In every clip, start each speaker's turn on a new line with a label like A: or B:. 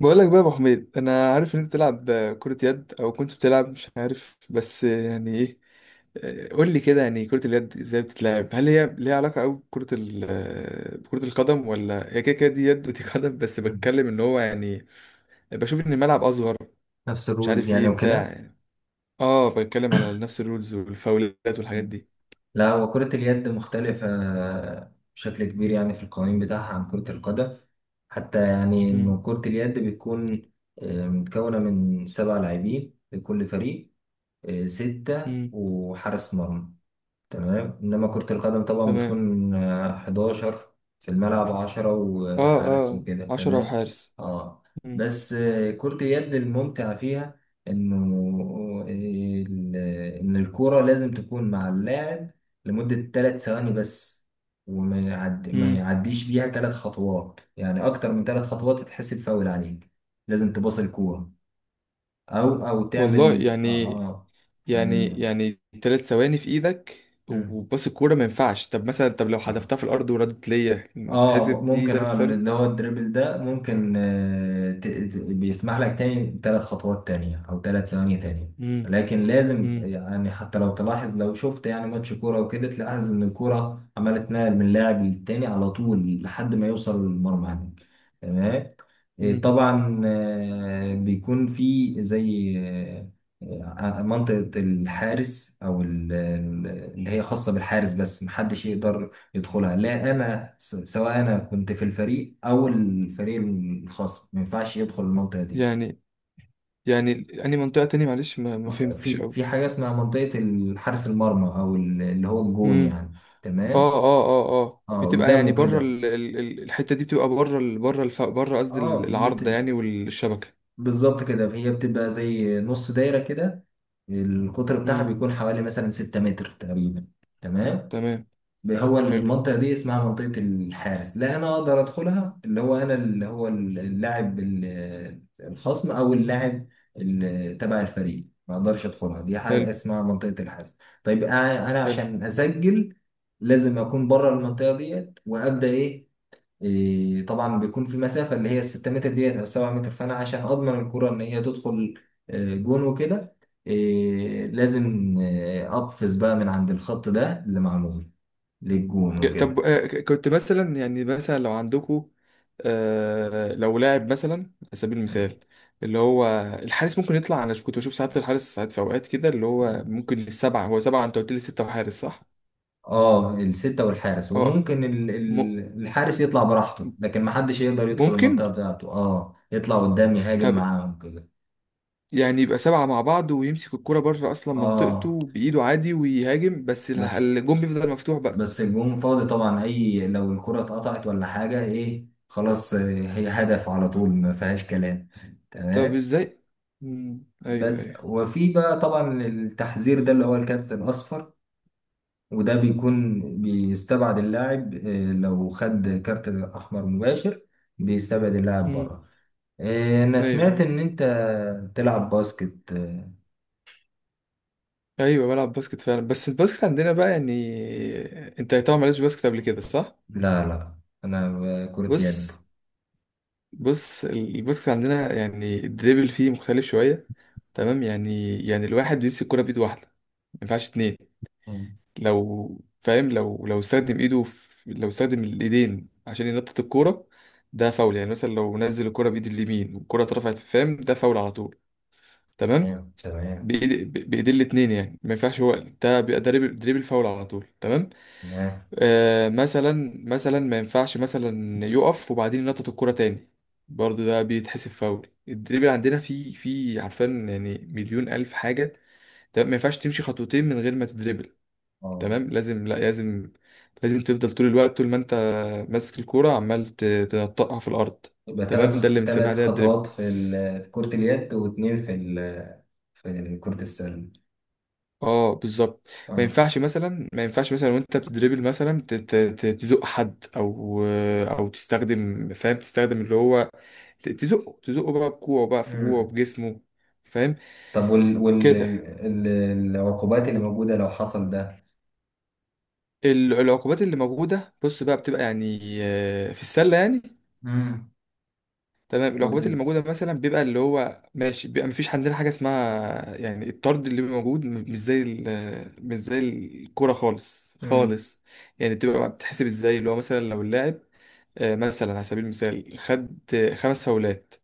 A: بقول لك بقى يا ابو حميد، انا عارف ان انت بتلعب كرة يد او كنت بتلعب، مش عارف بس يعني ايه. قول لي كده، يعني كرة اليد ازاي بتتلعب؟ هل هي ليها علاقة قوي بكرة ال آه، بكرة القدم؟ ولا هي كده كده، دي يد ودي قدم؟ بس
B: مم.
A: بتكلم ان هو يعني بشوف ان الملعب اصغر،
B: نفس
A: مش
B: الرولز
A: عارف
B: يعني
A: ايه بتاع
B: وكده.
A: يعني. اه، بتكلم على نفس الرولز والفاولات والحاجات
B: مم.
A: دي.
B: لا، هو كرة اليد مختلفة بشكل كبير يعني في القوانين بتاعها عن كرة القدم، حتى يعني
A: امم.
B: إنه كرة اليد بتكون متكونة من 7 لاعبين لكل فريق، ستة
A: امم.
B: وحارس مرمى. تمام. انما كرة القدم طبعا
A: تمام.
B: بتكون 11 في الملعب، 10
A: اه
B: وحارس
A: اه.
B: وكده.
A: 10
B: تمام.
A: وحارس.
B: اه.
A: امم.
B: بس كرة اليد الممتع فيها انه آه، ال- ان الكرة لازم تكون مع اللاعب لمدة 3 ثواني بس، ما
A: امم.
B: يعديش بيها 3 خطوات، يعني اكتر من 3 خطوات تتحسب فاول عليك. لازم تباص الكورة، او
A: والله
B: تعمل
A: يعني، يعني
B: يعني.
A: يعني 3 ثواني في ايدك
B: مم.
A: وباص الكوره، ما ينفعش. طب مثلا، طب لو
B: آه.
A: حذفتها في الارض وردت ليا، ما
B: اه
A: تتحسب دي
B: ممكن. اه
A: 3 ثواني؟
B: اللي هو الدريبل ده ممكن بيسمح لك تاني 3 خطوات تانية او 3 ثواني تانية.
A: امم.
B: لكن لازم،
A: امم.
B: يعني حتى لو تلاحظ، لو شفت يعني ماتش كورة وكده، تلاحظ ان الكورة عمالة تنقل من لاعب للتاني على طول لحد ما يوصل للمرمى هناك. تمام.
A: امم.
B: طبعا بيكون في زي منطقة الحارس، او اللي هي خاصة بالحارس، بس محدش يقدر يدخلها. لا، انا سواء انا كنت في الفريق او الفريق الخصم، ما ينفعش يدخل المنطقه دي.
A: يعني يعني اني منطقه تاني؟ معلش، ما فهمتش
B: في
A: قوي.
B: في حاجه اسمها منطقه حارس المرمى، او اللي هو الجون
A: امم.
B: يعني.
A: اه
B: تمام.
A: اه اه اه،
B: اه
A: بتبقى يعني
B: قدامه
A: بره
B: كده.
A: الحته دي بتبقى بره قصدي
B: اه بت...
A: العارضه يعني والشبكه.
B: بالظبط كده. هي بتبقى زي نص دايره كده، القطر بتاعها
A: امم.
B: بيكون حوالي مثلا 6 متر تقريبا. تمام.
A: تمام.
B: هو
A: حلو.
B: المنطقة دي اسمها منطقة الحارس. لا أنا أقدر أدخلها، اللي هو أنا، اللي هو اللاعب الخصم أو اللاعب تبع الفريق، ما أقدرش أدخلها. دي
A: حلو.
B: حاجة اسمها منطقة الحارس. طيب أنا
A: حلو.
B: عشان أسجل لازم أكون بره المنطقة ديت وأبدأ إيه. طبعا بيكون في المسافه اللي هي ال 6 متر ديت او 7 متر، فانا عشان اضمن الكره ان هي تدخل جون وكده، لازم اقفز بقى من عند الخط ده اللي معمول للجون
A: ج- طب
B: وكده.
A: آه، ك- كنت مثلا، يعني مثلا لو عندكوا، آه، لو لاعب مثلا، على سبيل المثال، اللي هو الحارس ممكن يطلع. انا كنت بشوف ساعات الحارس، ساعات في اوقات كده اللي هو
B: مم.
A: ممكن السبعه، هو سبعه انت قلت لي، سته وحارس صح؟
B: اه، الستة والحارس،
A: اه.
B: وممكن
A: م...
B: الحارس يطلع براحته، لكن محدش يقدر يدخل
A: ممكن.
B: المنطقة بتاعته. اه، يطلع قدام يهاجم
A: طب
B: معاهم كده.
A: يعني يبقى سبعه مع بعض ويمسك الكرة بره اصلا
B: اه،
A: منطقته بايده عادي ويهاجم، بس
B: بس
A: الجون بيفضل مفتوح بقى.
B: بس الجون فاضي طبعا. اي لو الكرة اتقطعت ولا حاجة، ايه، خلاص هي هدف على طول، ما فيهاش كلام.
A: طب
B: تمام.
A: ازاي؟ مم. ايوه
B: بس
A: ايوه.
B: وفي بقى طبعا التحذير ده اللي هو الكارت الاصفر، وده بيكون بيستبعد اللاعب. لو خد كارت احمر مباشر، بيستبعد اللاعب
A: مم.
B: بره. انا
A: ايوه
B: سمعت
A: ايوه.
B: ان انت بتلعب باسكت
A: ايوه بلعب باسكت فعلا، بس الباسكت عندنا بقى يعني، انت طبعا مالكش باسكت قبل كده صح؟
B: لا لا، انا كرة يد.
A: بص. بص الباسكت عندنا يعني الدريبل فيه مختلف شويه. تمام، يعني الواحد بيمسك الكرة بايد واحده، ما ينفعش اتنين.
B: مم.
A: لو فاهم، لو استخدم ايده في، لو استخدم الايدين عشان ينطط الكوره ده فاول. يعني مثلا لو نزل الكرة بايد اليمين والكرة اترفعت، فاهم، ده فاول على طول. تمام.
B: تمام، تمام،
A: بايد بايدين الاتنين، يعني ما ينفعش هو، ده بيبقى دريبل، فاول على طول. تمام.
B: تمام.
A: آه، مثلا، مثلا ما ينفعش مثلا يقف وبعدين ينطط الكرة تاني، برضه ده بيتحسب فاول. الدريبل عندنا في في عارفين يعني مليون ألف حاجة. تمام، ما ينفعش تمشي خطوتين من غير ما تدريبل.
B: اه،
A: تمام، لازم، لا لازم، لازم تفضل طول الوقت، طول ما انت ماسك الكورة عمال تنطقها في الأرض.
B: يبقى
A: تمام،
B: ثلاث
A: ده اللي بنسميها
B: ثلاث
A: ده الدريبل.
B: خطوات في في كرة اليد، واثنين في في كرة السلة.
A: اه بالظبط. ما
B: اه.
A: ينفعش مثلا، ما ينفعش مثلا وانت بتدريبل مثلا تزق حد، او او تستخدم، فاهم، تستخدم اللي هو، تزقه، تزقه بقى بكوعه بقى في جوعه
B: امم
A: بجسمه. فاهم
B: طب
A: كده.
B: العقوبات اللي موجودة لو حصل ده.
A: العقوبات اللي موجودة، بص بقى، بتبقى يعني آه، في السلة يعني،
B: امم
A: تمام،
B: كرة
A: العقوبات اللي
B: الس-
A: موجودة مثلا بيبقى اللي هو ماشي، بيبقى مفيش عندنا حاجة اسمها يعني الطرد اللي بيبقى موجود، مش زي مش زي الكورة خالص
B: امم
A: خالص. يعني بتبقى بتتحسب ازاي اللي هو مثلا، لو اللاعب آه، مثلا على سبيل المثال خد آه، خمس فاولات،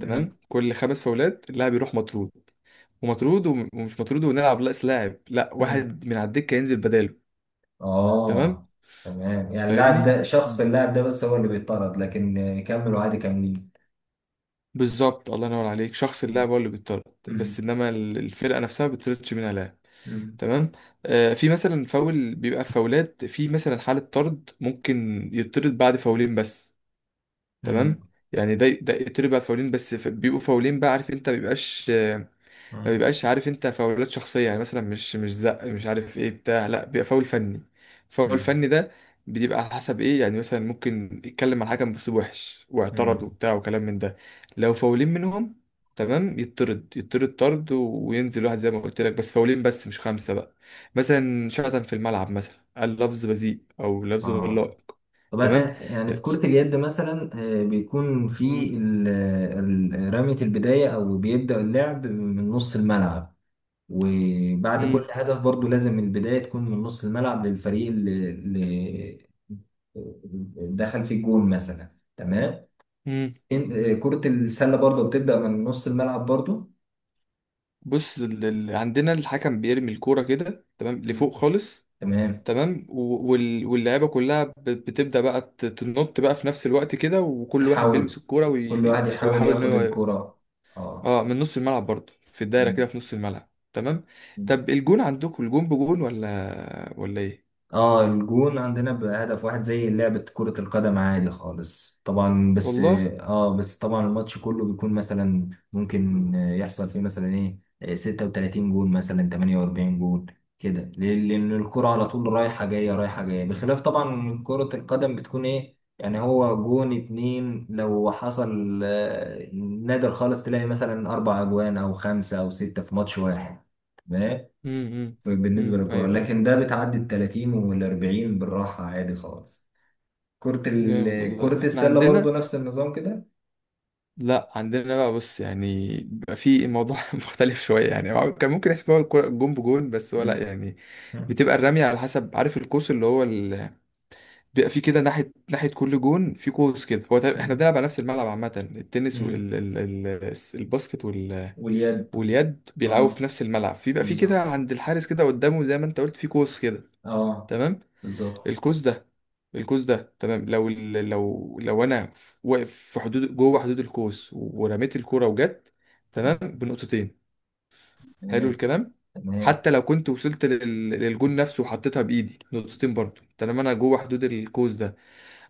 B: امم
A: كل خمس فاولات اللاعب يروح مطرود. ومطرود ومش مطرود، ونلعب ناقص لاعب، لا،
B: امم
A: واحد من على الدكه ينزل بداله. تمام.
B: اه، تمام، يعني اللاعب
A: فاهمني.
B: ده شخص،
A: دي-
B: اللاعب ده بس هو اللي بيطرد لكن يكملوا عادي كاملين.
A: بالظبط، الله ينور عليك، شخص اللاعب هو اللي بيطرد، بس
B: امم
A: انما الفرقه نفسها ما بتطردش منها لاعب.
B: امم
A: تمام. آه في مثلا فاول بيبقى فاولات، في مثلا حاله طرد ممكن يطرد بعد فاولين بس. تمام.
B: امم
A: يعني ده يطرد بعد فاولين بس، بيبقوا فاولين بقى، عارف انت، ما بيبقاش، ما
B: امم
A: بيبقاش عارف انت فاولات شخصيه يعني، مثلا مش زق مش عارف ايه بتاع، لا بيبقى فاول فني. فاول فني ده بيبقى على حسب ايه، يعني مثلا ممكن يتكلم مع الحكم باسلوب وحش واعترض
B: امم
A: وبتاع وكلام من ده، لو فاولين منهم تمام يطرد، يطرد طرد وينزل واحد زي ما قلت لك، بس فاولين بس مش خمسه بقى. مثلا شتم في الملعب، مثلا قال لفظ بذيء او لفظ غير
B: اه.
A: لائق.
B: طب
A: تمام.
B: يعني في كرة اليد مثلا بيكون في
A: مم.
B: رمية البداية، أو بيبدأ اللعب من نص الملعب، وبعد كل
A: مم.
B: هدف برضو لازم البداية تكون من نص الملعب للفريق اللي دخل في الجون مثلا. تمام.
A: مم.
B: كرة السلة برضو بتبدأ من نص الملعب برضو.
A: بص، عندنا الحكم بيرمي الكوره كده تمام
B: مم.
A: لفوق خالص.
B: تمام.
A: تمام، واللعيبه كلها بتبدا بقى تنط بقى في نفس الوقت كده، وكل واحد
B: تحاول
A: بيلمس الكوره
B: كل واحد يحاول
A: ويحاول ان
B: ياخد
A: هو،
B: الكرة. اه.
A: اه، من نص الملعب برضه، في الدايره كده في نص الملعب تمام.
B: مم.
A: طب الجون عندكم الجون بجون ولا ولا ايه؟
B: اه، الجون عندنا بهدف واحد زي لعبة كرة القدم عادي خالص طبعا. بس
A: والله.
B: اه بس طبعا الماتش كله بيكون، مثلا ممكن يحصل فيه مثلا ايه 36 جون، مثلا 48 جون. كده ليه؟ لأن الكرة على طول رايحة جاية رايحة جاية، بخلاف طبعا كرة القدم بتكون ايه يعني، هو جون اتنين لو حصل نادر خالص تلاقي مثلا أربع أجوان أو خمسة أو ستة في ماتش واحد
A: امم. امم.
B: بالنسبة
A: إمم.
B: للكورة،
A: ايوه ايوه.
B: لكن ده بتعدي ال 30 وال 40 بالراحة عادي خالص. كرة
A: جامد
B: ال...
A: والله.
B: كرة
A: احنا
B: السلة برضو
A: عندنا،
B: نفس النظام كده.
A: لا عندنا بقى بص، يعني بيبقى في الموضوع مختلف شويه، يعني هو كان ممكن يحسب هو الجون بجون، بس هو لا
B: مم.
A: يعني،
B: مم.
A: بتبقى الرمية على حسب عارف القوس، اللي هو بيبقى في كده ناحية ناحية، كل جون في قوس كده. هو احنا
B: مم.
A: بنلعب على نفس الملعب عامة، التنس
B: مم.
A: والباسكت
B: واليد.
A: واليد بيلعبوا في
B: اه
A: نفس الملعب، في بقى في كده
B: بالظبط.
A: عند الحارس كده قدامه، زي ما انت قلت في قوس كده.
B: اه
A: تمام.
B: بالظبط.
A: القوس ده، القوس ده تمام، لو ال... لو لو انا واقف في حدود جوه حدود القوس ورميت الكرة وجت، تمام بنقطتين. حلو
B: تمام،
A: الكلام.
B: تمام.
A: حتى لو كنت وصلت للجون نفسه وحطيتها بإيدي نقطتين برضه، طالما انا جوه حدود القوس ده.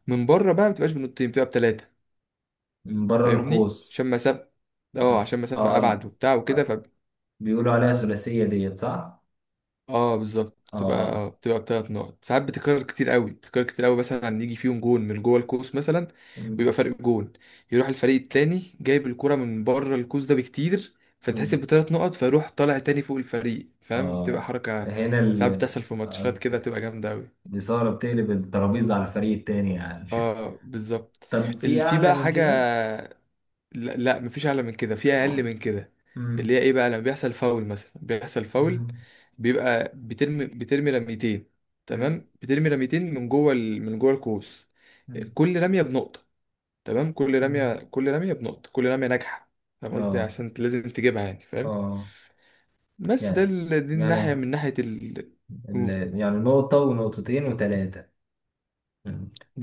A: من بره بقى ما بتبقاش بنقطتين، بتبقى بتلاتة.
B: من بره
A: فاهمني،
B: القوس.
A: عشان مسافة، اه
B: اه،
A: عشان مسافة
B: اه،
A: أبعد وبتاع وكده، ف،
B: آه، بيقولوا عليها ثلاثية ديت، صح؟
A: اه بالظبط، بتبقى
B: اه.
A: اه بتبقى بتلات نقط، ساعات بتكرر كتير قوي، بتكرر كتير قوي مثلا يجي فيهم جون من جوه القوس مثلا،
B: مم.
A: ويبقى فرق جون، يروح الفريق التاني جايب الكرة من بره القوس ده بكتير،
B: مم.
A: فتحسب بتلات نقط، فيروح طالع تاني فوق الفريق، فاهم بتبقى
B: اه،
A: حركة.
B: هنا
A: ساعات بتحصل في
B: آه،
A: ماتشات كده، بتبقى جامدة قوي.
B: الإثارة بتقلب الترابيزة على الفريق التاني يعني.
A: اه بالظبط.
B: طب في
A: في
B: أعلى
A: بقى
B: من
A: حاجة،
B: كده؟
A: لا, لا مفيش اعلى من كده، في اقل
B: اه.
A: من كده. اللي هي
B: مم.
A: ايه بقى لما بيحصل فاول مثلا، بيحصل فاول،
B: مم.
A: بيبقى بترمي، بترمي رميتين،
B: مم.
A: تمام، بترمي رميتين من جوه من جوه القوس.
B: مم.
A: كل رميه بنقطه، تمام، كل رميه،
B: مم.
A: كل رميه بنقطه، كل رميه ناجحه. فاهم قصدي،
B: اه،
A: عشان لازم تجيبها يعني، فاهم.
B: اه.
A: بس ده
B: يعني
A: دي
B: يعني
A: الناحيه من ناحيه
B: ال... يعني نقطة ونقطتين وثلاثة.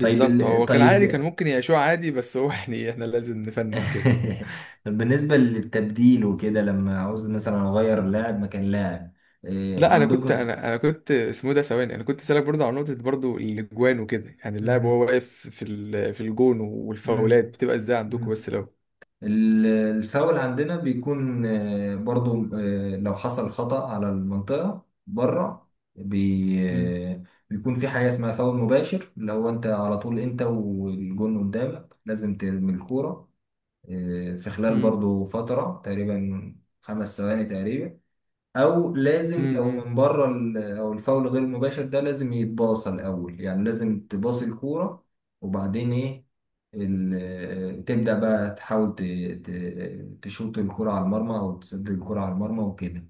B: طيب
A: هو كان
B: طيب.
A: عادي، كان ممكن يعيشوه عادي بس هو يعني احنا لازم نفنن كده.
B: بالنسبة للتبديل وكده لما عاوز مثلا أغير لاعب مكان لاعب، إيه
A: لا انا كنت،
B: عندكم؟
A: انا كنت اسمه ده ثواني، انا كنت سالك برضه على نقطه برضه، الاجوان وكده يعني، اللاعب وهو
B: مم.
A: واقف في في الجون، والفاولات بتبقى ازاي عندكم،
B: مم.
A: بس لو.
B: ال- الفاول عندنا بيكون برضو لو حصل خطأ على المنطقة بره، بي
A: امم.
B: آه، بيكون في حاجة اسمها فاول مباشر، اللي هو انت على طول، انت والجون قدامك لازم ترمي الكورة في خلال
A: امم.
B: برضو فترة تقريبا 5 ثواني تقريبا. او لازم لو
A: امم.
B: من بره او الفاول غير مباشر ده، لازم يتباصى الاول، يعني لازم تباصي الكوره، وبعدين ايه تبدا بقى تحاول تشوط الكوره على المرمى او تسدد الكوره على المرمى وكده.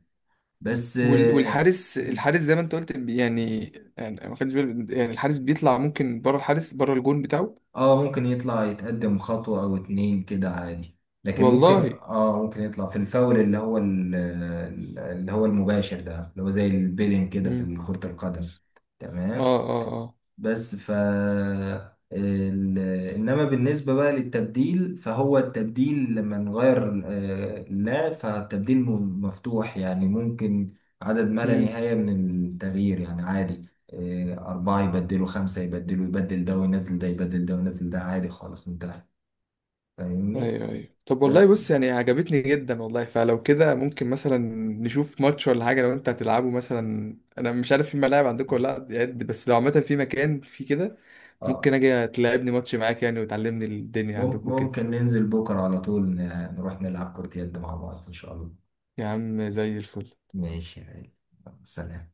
B: بس.
A: والحارس، الحارس زي ما انت قلت يعني، يعني أنا ما خدتش بالي يعني الحارس بيطلع ممكن بره، الحارس بره الجون بتاعه.
B: ممكن يطلع يتقدم خطوه او اتنين كده عادي، لكن ممكن
A: والله.
B: اه ممكن يطلع في الفاول اللي هو اللي هو المباشر ده، اللي هو زي البيلين كده في
A: امم.
B: كرة القدم.
A: اه
B: تمام.
A: اه اه.
B: بس ال... انما بالنسبه بقى للتبديل، فهو التبديل لما نغير لا، فالتبديل مفتوح يعني، ممكن عدد ما لا
A: مم.
B: نهايه من التغيير يعني، عادي أربعة يبدلوا، خمسة يبدلوا، يبدل ده وينزل ده، يبدل ده وينزل ده، عادي خالص انتهى. فاهمني؟
A: ايوه ايوه. طب والله
B: بس
A: بص، يعني عجبتني جدا والله. فلو كده ممكن مثلا نشوف ماتش ولا حاجه، لو انت هتلعبه مثلا، انا مش عارف في ملاعب عندكم ولا لا يعني، بس لو عامه في مكان في كده ممكن
B: اه
A: اجي تلعبني ماتش معاك يعني وتعلمني الدنيا عندكم كده.
B: ممكن ننزل بكرة على طول، نروح نلعب كرة يد مع بعض إن شاء الله.
A: يا عم زي الفل.
B: ماشي يا غالي. سلام.